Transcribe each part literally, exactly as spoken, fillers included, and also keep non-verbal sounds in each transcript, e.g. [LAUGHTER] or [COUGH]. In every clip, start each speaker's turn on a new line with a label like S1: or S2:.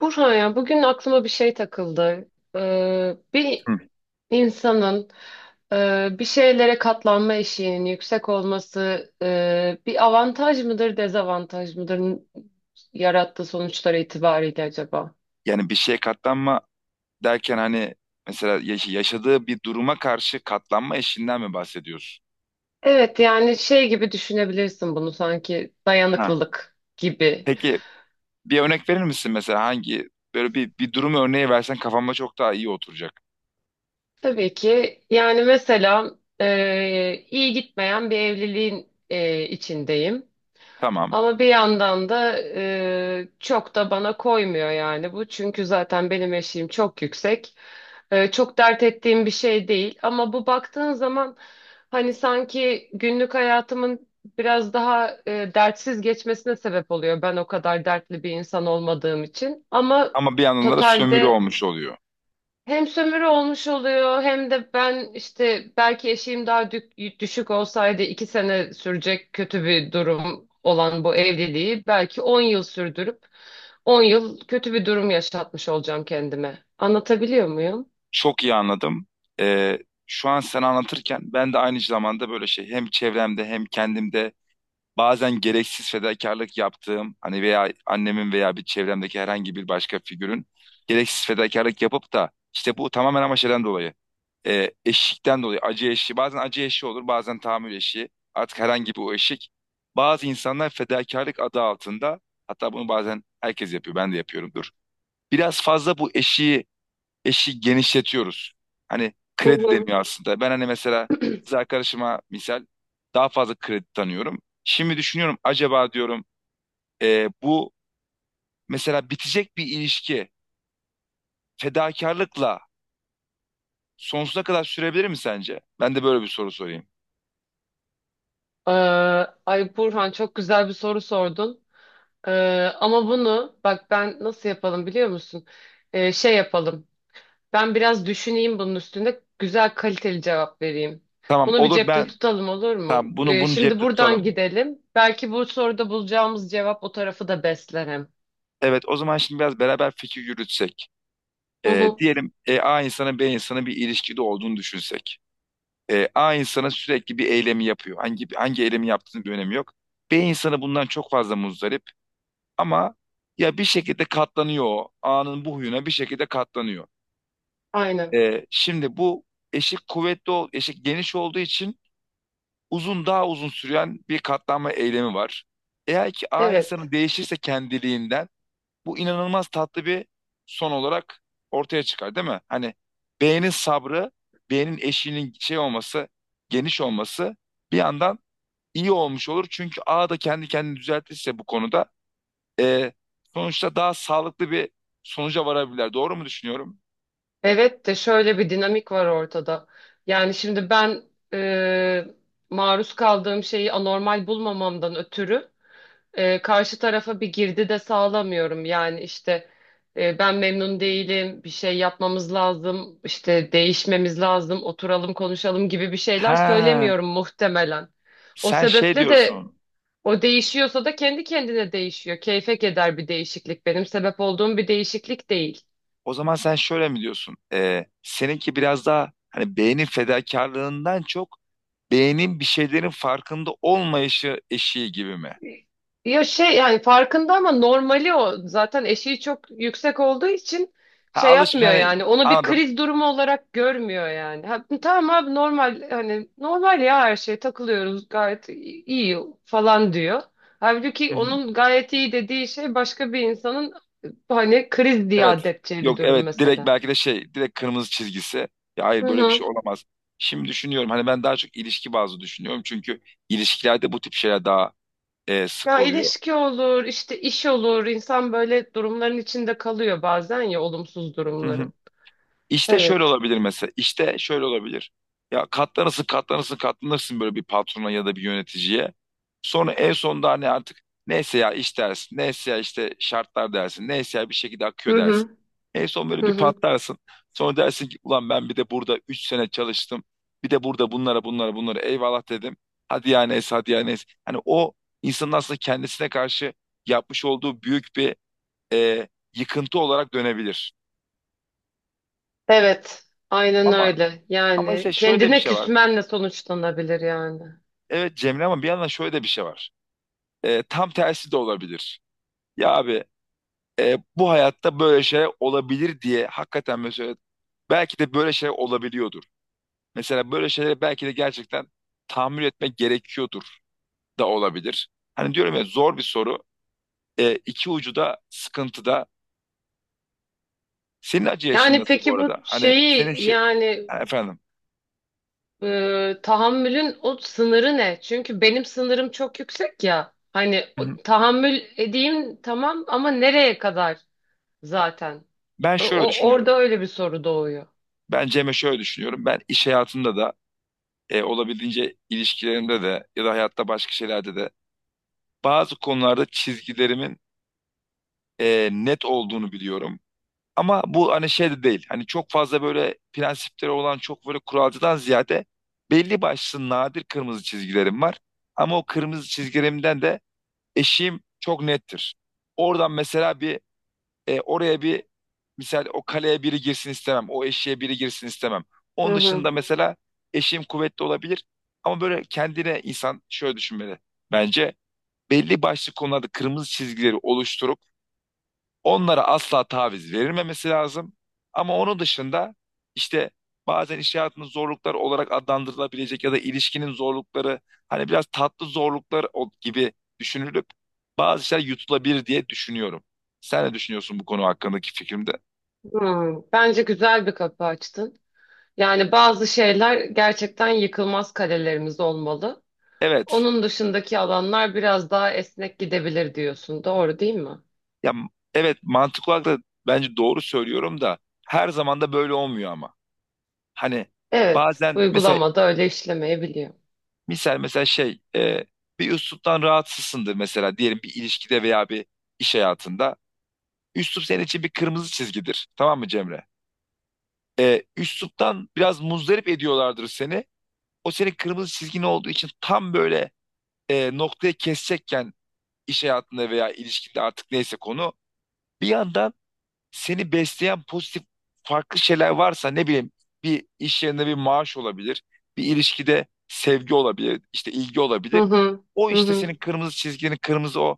S1: Burhan ya bugün aklıma bir şey takıldı. Ee, bir
S2: Hı.
S1: insanın e, bir şeylere katlanma eşiğinin yüksek olması e, bir avantaj mıdır, dezavantaj mıdır yarattığı sonuçlar itibariyle acaba?
S2: Yani bir şeye katlanma derken hani mesela yaş- yaşadığı bir duruma karşı katlanma eşiğinden mi bahsediyorsun?
S1: Evet yani şey gibi düşünebilirsin bunu sanki
S2: Ha.
S1: dayanıklılık gibi.
S2: Peki bir örnek verir misin mesela hangi böyle bir, bir durum örneği versen kafamda çok daha iyi oturacak.
S1: Tabii ki yani mesela e, iyi gitmeyen bir evliliğin e, içindeyim.
S2: Tamam.
S1: Ama bir yandan da e, çok da bana koymuyor yani bu. Çünkü zaten benim eşiğim çok yüksek. E, çok dert ettiğim bir şey değil. Ama bu baktığın zaman hani sanki günlük hayatımın biraz daha e, dertsiz geçmesine sebep oluyor. Ben o kadar dertli bir insan olmadığım için. Ama
S2: Ama bir yandan da sömürü
S1: totalde
S2: olmuş oluyor.
S1: hem sömürü olmuş oluyor hem de ben işte belki eşiğim daha dük- düşük olsaydı iki sene sürecek kötü bir durum olan bu evliliği belki on yıl sürdürüp on yıl kötü bir durum yaşatmış olacağım kendime. Anlatabiliyor muyum?
S2: Çok iyi anladım. Ee, Şu an sen anlatırken ben de aynı zamanda böyle şey hem çevremde hem kendimde bazen gereksiz fedakarlık yaptığım hani veya annemin veya bir çevremdeki herhangi bir başka figürün gereksiz fedakarlık yapıp da işte bu tamamen ama şeyden dolayı e, eşikten dolayı acı eşiği, bazen acı eşiği olur bazen tahammül eşiği, artık herhangi bir o eşik, bazı insanlar fedakarlık adı altında, hatta bunu bazen herkes yapıyor ben de yapıyorumdur, biraz fazla bu eşiği eşi genişletiyoruz. Hani
S1: Hı
S2: kredi
S1: hı.
S2: deniyor aslında. Ben hani mesela kız arkadaşıma misal daha fazla kredi tanıyorum. Şimdi düşünüyorum acaba diyorum, e, bu mesela bitecek bir ilişki fedakarlıkla sonsuza kadar sürebilir mi sence? Ben de böyle bir soru sorayım.
S1: Ee, Ay Burhan çok güzel bir soru sordun. Ee, Ama bunu bak ben nasıl yapalım biliyor musun? Ee, şey yapalım. Ben biraz düşüneyim bunun üstünde. Güzel kaliteli cevap vereyim.
S2: Tamam,
S1: Bunu bir
S2: olur,
S1: cepte
S2: ben
S1: tutalım olur mu?
S2: tamam bunu
S1: Ee,
S2: bunu
S1: şimdi
S2: cepte
S1: buradan
S2: tutalım.
S1: gidelim. Belki bu soruda bulacağımız cevap o tarafı da besler hem.
S2: Evet, o zaman şimdi biraz beraber fikir yürütsek.
S1: Hı
S2: E,
S1: hı.
S2: diyelim e, A insanı B insanı bir ilişkide olduğunu düşünsek. E, A insana sürekli bir eylemi yapıyor. Hangi hangi eylemi yaptığının bir önemi yok. B insanı bundan çok fazla muzdarip, ama ya bir şekilde katlanıyor o. A'nın bu huyuna bir şekilde katlanıyor.
S1: Aynen.
S2: E, şimdi bu eşik kuvvetli, ol- eşik geniş olduğu için uzun daha uzun süren bir katlanma eylemi var. Eğer ki A
S1: Evet.
S2: insanı değişirse kendiliğinden, bu inanılmaz tatlı bir son olarak ortaya çıkar değil mi? Hani B'nin sabrı, B'nin eşiğinin şey olması, geniş olması bir yandan iyi olmuş olur. Çünkü A da kendi kendini düzeltirse bu konuda e, sonuçta daha sağlıklı bir sonuca varabilirler. Doğru mu düşünüyorum?
S1: Evet de şöyle bir dinamik var ortada. Yani şimdi ben e, maruz kaldığım şeyi anormal bulmamamdan ötürü e, karşı tarafa bir girdi de sağlamıyorum. Yani işte e, ben memnun değilim, bir şey yapmamız lazım, işte değişmemiz lazım, oturalım konuşalım gibi bir şeyler
S2: Ha,
S1: söylemiyorum muhtemelen. O
S2: sen şey
S1: sebeple de
S2: diyorsun.
S1: o değişiyorsa da kendi kendine değişiyor. Keyfek eder bir değişiklik. Benim sebep olduğum bir değişiklik değil.
S2: O zaman sen şöyle mi diyorsun? E, seninki biraz daha hani beynin fedakarlığından çok beynin bir şeylerin farkında olmayışı eşiği gibi mi?
S1: Ya şey yani farkında ama normali o. Zaten eşiği çok yüksek olduğu için
S2: Ha,
S1: şey
S2: alışmış
S1: yapmıyor
S2: hani,
S1: yani. Onu bir
S2: anladım.
S1: kriz durumu olarak görmüyor yani. Ha, tamam abi normal hani normal ya her şey takılıyoruz gayet i- iyi falan diyor. Halbuki
S2: [LAUGHS]
S1: onun gayet iyi dediği şey başka bir insanın hani kriz diye
S2: Evet.
S1: addedeceği bir
S2: Yok,
S1: durum
S2: evet, direkt
S1: mesela.
S2: belki de şey, direkt kırmızı çizgisi. Ya
S1: Hı
S2: hayır, böyle bir şey
S1: hı.
S2: olamaz. Şimdi düşünüyorum hani ben daha çok ilişki bazlı düşünüyorum. Çünkü ilişkilerde bu tip şeyler daha e, sık
S1: Ya
S2: oluyor.
S1: ilişki olur, işte iş olur. İnsan böyle durumların içinde kalıyor bazen ya olumsuz
S2: Hı hı.
S1: durumların.
S2: İşte şöyle
S1: Evet.
S2: olabilir mesela. İşte şöyle olabilir. Ya katlanırsın, katlanırsın, katlanırsın böyle bir patrona ya da bir yöneticiye. Sonra en sonunda hani artık neyse ya iş dersin, neyse ya işte şartlar dersin, neyse ya bir şekilde
S1: Hı
S2: akıyor dersin.
S1: hı.
S2: En son
S1: Hı
S2: böyle bir
S1: hı.
S2: patlarsın. Sonra dersin ki ulan ben bir de burada üç sene çalıştım. Bir de burada bunlara bunlara bunlara eyvallah dedim. Hadi ya neyse, hadi ya neyse. Hani o insanın aslında kendisine karşı yapmış olduğu büyük bir e, yıkıntı olarak dönebilir.
S1: Evet, aynen
S2: Ama
S1: öyle.
S2: Ama işte
S1: Yani
S2: şöyle de bir
S1: kendine
S2: şey var.
S1: küsmenle sonuçlanabilir yani.
S2: Evet Cemre, ama bir yandan şöyle de bir şey var. Ee, tam tersi de olabilir. Ya abi, e, bu hayatta böyle şeyler olabilir diye hakikaten, mesela belki de böyle şeyler olabiliyordur. Mesela böyle şeyleri belki de gerçekten tahammül etmek gerekiyordur da olabilir. Hani diyorum ya, zor bir soru. Ee, iki ucu da sıkıntıda. Senin acı yaşın
S1: Yani
S2: nasıl bu
S1: peki bu
S2: arada? Hani senin
S1: şeyi
S2: şey,
S1: yani
S2: ha, efendim.
S1: e, tahammülün o sınırı ne? Çünkü benim sınırım çok yüksek ya. Hani
S2: Hı hı.
S1: o- tahammül edeyim tamam ama nereye kadar zaten?
S2: Ben
S1: O,
S2: şöyle
S1: o- orada
S2: düşünüyorum.
S1: öyle bir soru doğuyor.
S2: Ben Cem'e şöyle düşünüyorum. Ben iş hayatında da e, olabildiğince ilişkilerimde de ya da hayatta başka şeylerde de bazı konularda çizgilerimin e, net olduğunu biliyorum. Ama bu hani şey de değil. Hani çok fazla böyle prensipleri olan çok böyle kuralcıdan ziyade belli başlı nadir kırmızı çizgilerim var. Ama o kırmızı çizgilerimden de eşiğim çok nettir. Oradan mesela bir e, oraya bir misal, o kaleye biri girsin istemem. O eşiğe biri girsin istemem.
S1: Hı
S2: Onun dışında
S1: hı.
S2: mesela eşim kuvvetli olabilir. Ama böyle kendine insan şöyle düşünmeli. Bence belli başlı konularda kırmızı çizgileri oluşturup onlara asla taviz verilmemesi lazım. Ama onun dışında işte bazen iş hayatının zorluklar olarak adlandırılabilecek ya da ilişkinin zorlukları hani biraz tatlı zorluklar o- gibi düşünülüp bazı şeyler yutulabilir diye düşünüyorum. Sen ne düşünüyorsun bu konu hakkındaki fikrimde?
S1: Hı. Bence güzel bir kapı açtın. Yani bazı şeyler gerçekten yıkılmaz kalelerimiz olmalı.
S2: Evet.
S1: Onun dışındaki alanlar biraz daha esnek gidebilir diyorsun. Doğru değil mi?
S2: Ya m- evet, mantıklı olarak da bence doğru söylüyorum da her zaman da böyle olmuyor ama. Hani
S1: Evet,
S2: bazen mesela,
S1: uygulamada öyle işlemeyebiliyor.
S2: misal mesela şey e, bir üsluptan rahatsızsındır mesela, diyelim bir ilişkide veya bir iş hayatında. Üslup senin için bir kırmızı çizgidir. Tamam mı Cemre? E, üsluptan biraz muzdarip ediyorlardır seni. O senin kırmızı çizgin olduğu için tam böyle e, noktaya kesecekken iş hayatında veya ilişkide artık neyse konu. Bir anda seni besleyen pozitif farklı şeyler varsa, ne bileyim, bir iş yerinde bir maaş olabilir, bir ilişkide sevgi olabilir, işte ilgi
S1: Hı
S2: olabilir.
S1: hı,
S2: O
S1: hı
S2: işte
S1: hı.
S2: senin kırmızı çizgini, kırmızı o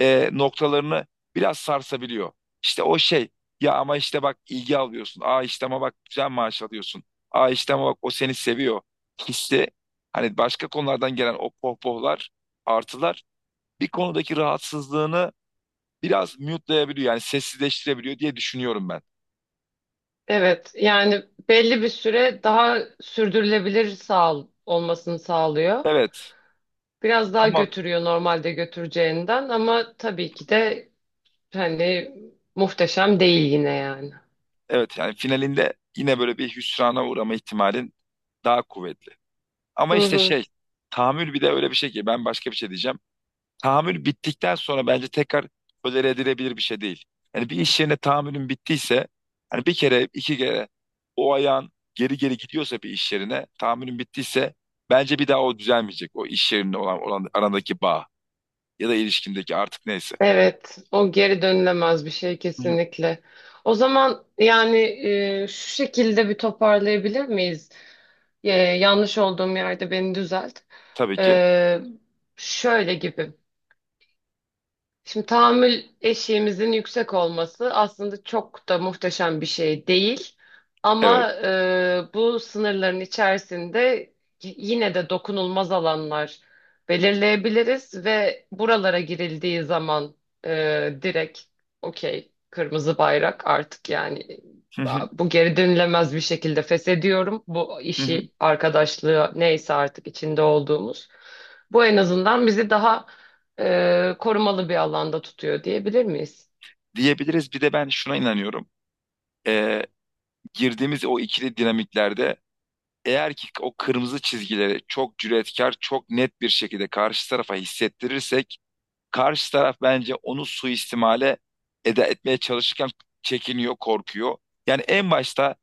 S2: e, noktalarını biraz sarsabiliyor. İşte o şey, ya ama işte bak ilgi alıyorsun. Aa işte ama bak güzel maaş alıyorsun. Aa işte ama bak o seni seviyor. Hissi hani başka konulardan gelen o pohpohlar, artılar bir konudaki rahatsızlığını biraz mute'layabiliyor, yani sessizleştirebiliyor diye düşünüyorum ben.
S1: Evet, yani belli bir süre daha sürdürülebilir sağ olmasını sağlıyor.
S2: Evet.
S1: Biraz daha
S2: Ama
S1: götürüyor normalde götüreceğinden ama tabii ki de hani muhteşem değil yine yani.
S2: evet, yani finalinde yine böyle bir hüsrana uğrama ihtimalin daha kuvvetli. Ama
S1: Hı
S2: işte
S1: hı.
S2: şey, tahammül bir de öyle bir şey ki ben başka bir şey diyeceğim. Tahammül bittikten sonra bence tekrar tolere edilebilir bir şey değil. Yani bir iş yerine tahammülün bittiyse hani bir kere iki kere o ayağın geri geri gidiyorsa bir iş yerine tahammülün bittiyse bence bir daha o düzelmeyecek. O iş yerinde olan, olan arandaki bağ ya da ilişkindeki artık neyse.
S1: Evet, o geri dönülemez bir şey
S2: Hı hı.
S1: kesinlikle. O zaman yani e, şu şekilde bir toparlayabilir miyiz? E, yanlış olduğum yerde beni düzelt.
S2: Tabii ki
S1: E, Şöyle gibi. Şimdi tahammül eşiğimizin yüksek olması aslında çok da muhteşem bir şey değil.
S2: evet.
S1: Ama e, bu sınırların içerisinde y- yine de dokunulmaz alanlar belirleyebiliriz ve buralara girildiği zaman e, direkt okey kırmızı bayrak artık yani
S2: Hı hı.
S1: bu geri dönülemez bir şekilde feshediyorum. Bu
S2: Hı hı.
S1: işi, arkadaşlığı neyse artık içinde olduğumuz. Bu en azından bizi daha e, korumalı bir alanda tutuyor diyebilir miyiz?
S2: Diyebiliriz. Bir de ben şuna inanıyorum. Ee, Girdiğimiz o ikili dinamiklerde eğer ki o kırmızı çizgileri çok cüretkar, çok net bir şekilde karşı tarafa hissettirirsek, karşı taraf bence onu suistimale eda etmeye çalışırken çekiniyor, korkuyor. Yani en başta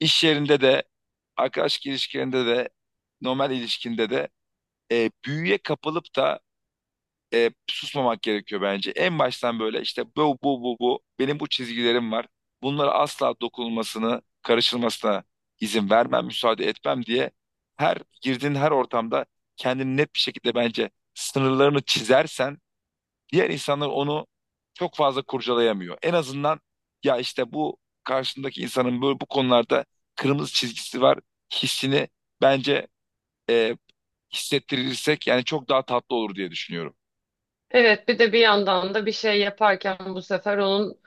S2: iş yerinde de, arkadaş ilişkilerinde de, normal ilişkinde de e, büyüye kapılıp da e, susmamak gerekiyor bence. En baştan böyle işte bu bu bu bu benim bu çizgilerim var. Bunlara asla dokunulmasını, karışılmasına izin vermem, müsaade etmem diye her girdiğin her ortamda kendini net bir şekilde bence sınırlarını çizersen diğer insanlar onu çok fazla kurcalayamıyor. En azından ya işte bu karşındaki insanın böyle bu konularda kırmızı çizgisi var hissini bence e, hissettirirsek yani çok daha tatlı olur diye düşünüyorum.
S1: Evet, bir de bir yandan da bir şey yaparken bu sefer onun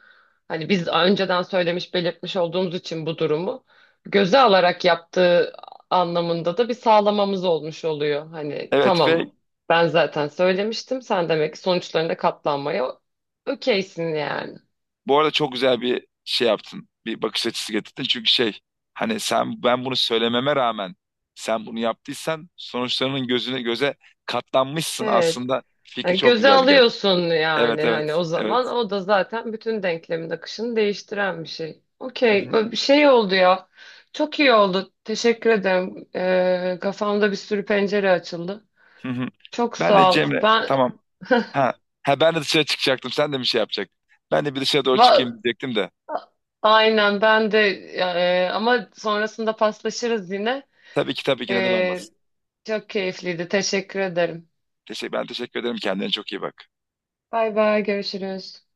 S1: hani biz önceden söylemiş belirtmiş olduğumuz için bu durumu göze alarak yaptığı anlamında da bir sağlamamız olmuş oluyor. Hani
S2: Evet ve
S1: tamam ben zaten söylemiştim sen demek ki sonuçlarına katlanmaya okeysin yani.
S2: bu arada çok güzel bir şey yaptın. Bir bakış açısı getirdin. Çünkü şey, hani sen, ben bunu söylememe rağmen sen bunu yaptıysan sonuçlarının gözüne göze katlanmışsın
S1: Evet.
S2: aslında. Fikri
S1: Yani
S2: çok
S1: göze
S2: güzeldi gerçekten.
S1: alıyorsun
S2: Evet,
S1: yani hani
S2: evet,
S1: o
S2: evet.
S1: zaman o da zaten bütün denklemin akışını değiştiren bir şey.
S2: Hı hı,
S1: Okey, bu bir şey oldu ya. Çok iyi oldu. Teşekkür ederim. Ee, kafamda bir sürü pencere açıldı.
S2: hı hı.
S1: Çok
S2: Ben de
S1: sağ ol.
S2: Cemre,
S1: Ben
S2: tamam. Ha, ha, ben de dışarı çıkacaktım. Sen de bir şey yapacaktın. Ben de bir dışarı doğru
S1: va-
S2: çıkayım diyecektim de.
S1: aynen ben de e, ama sonrasında paslaşırız yine.
S2: Tabii ki, tabii ki, neden
S1: Ee,
S2: olmasın.
S1: Çok keyifliydi. Teşekkür ederim.
S2: Teşekkür, ben teşekkür ederim. Kendine çok iyi bak.
S1: Bay bay görüşürüz.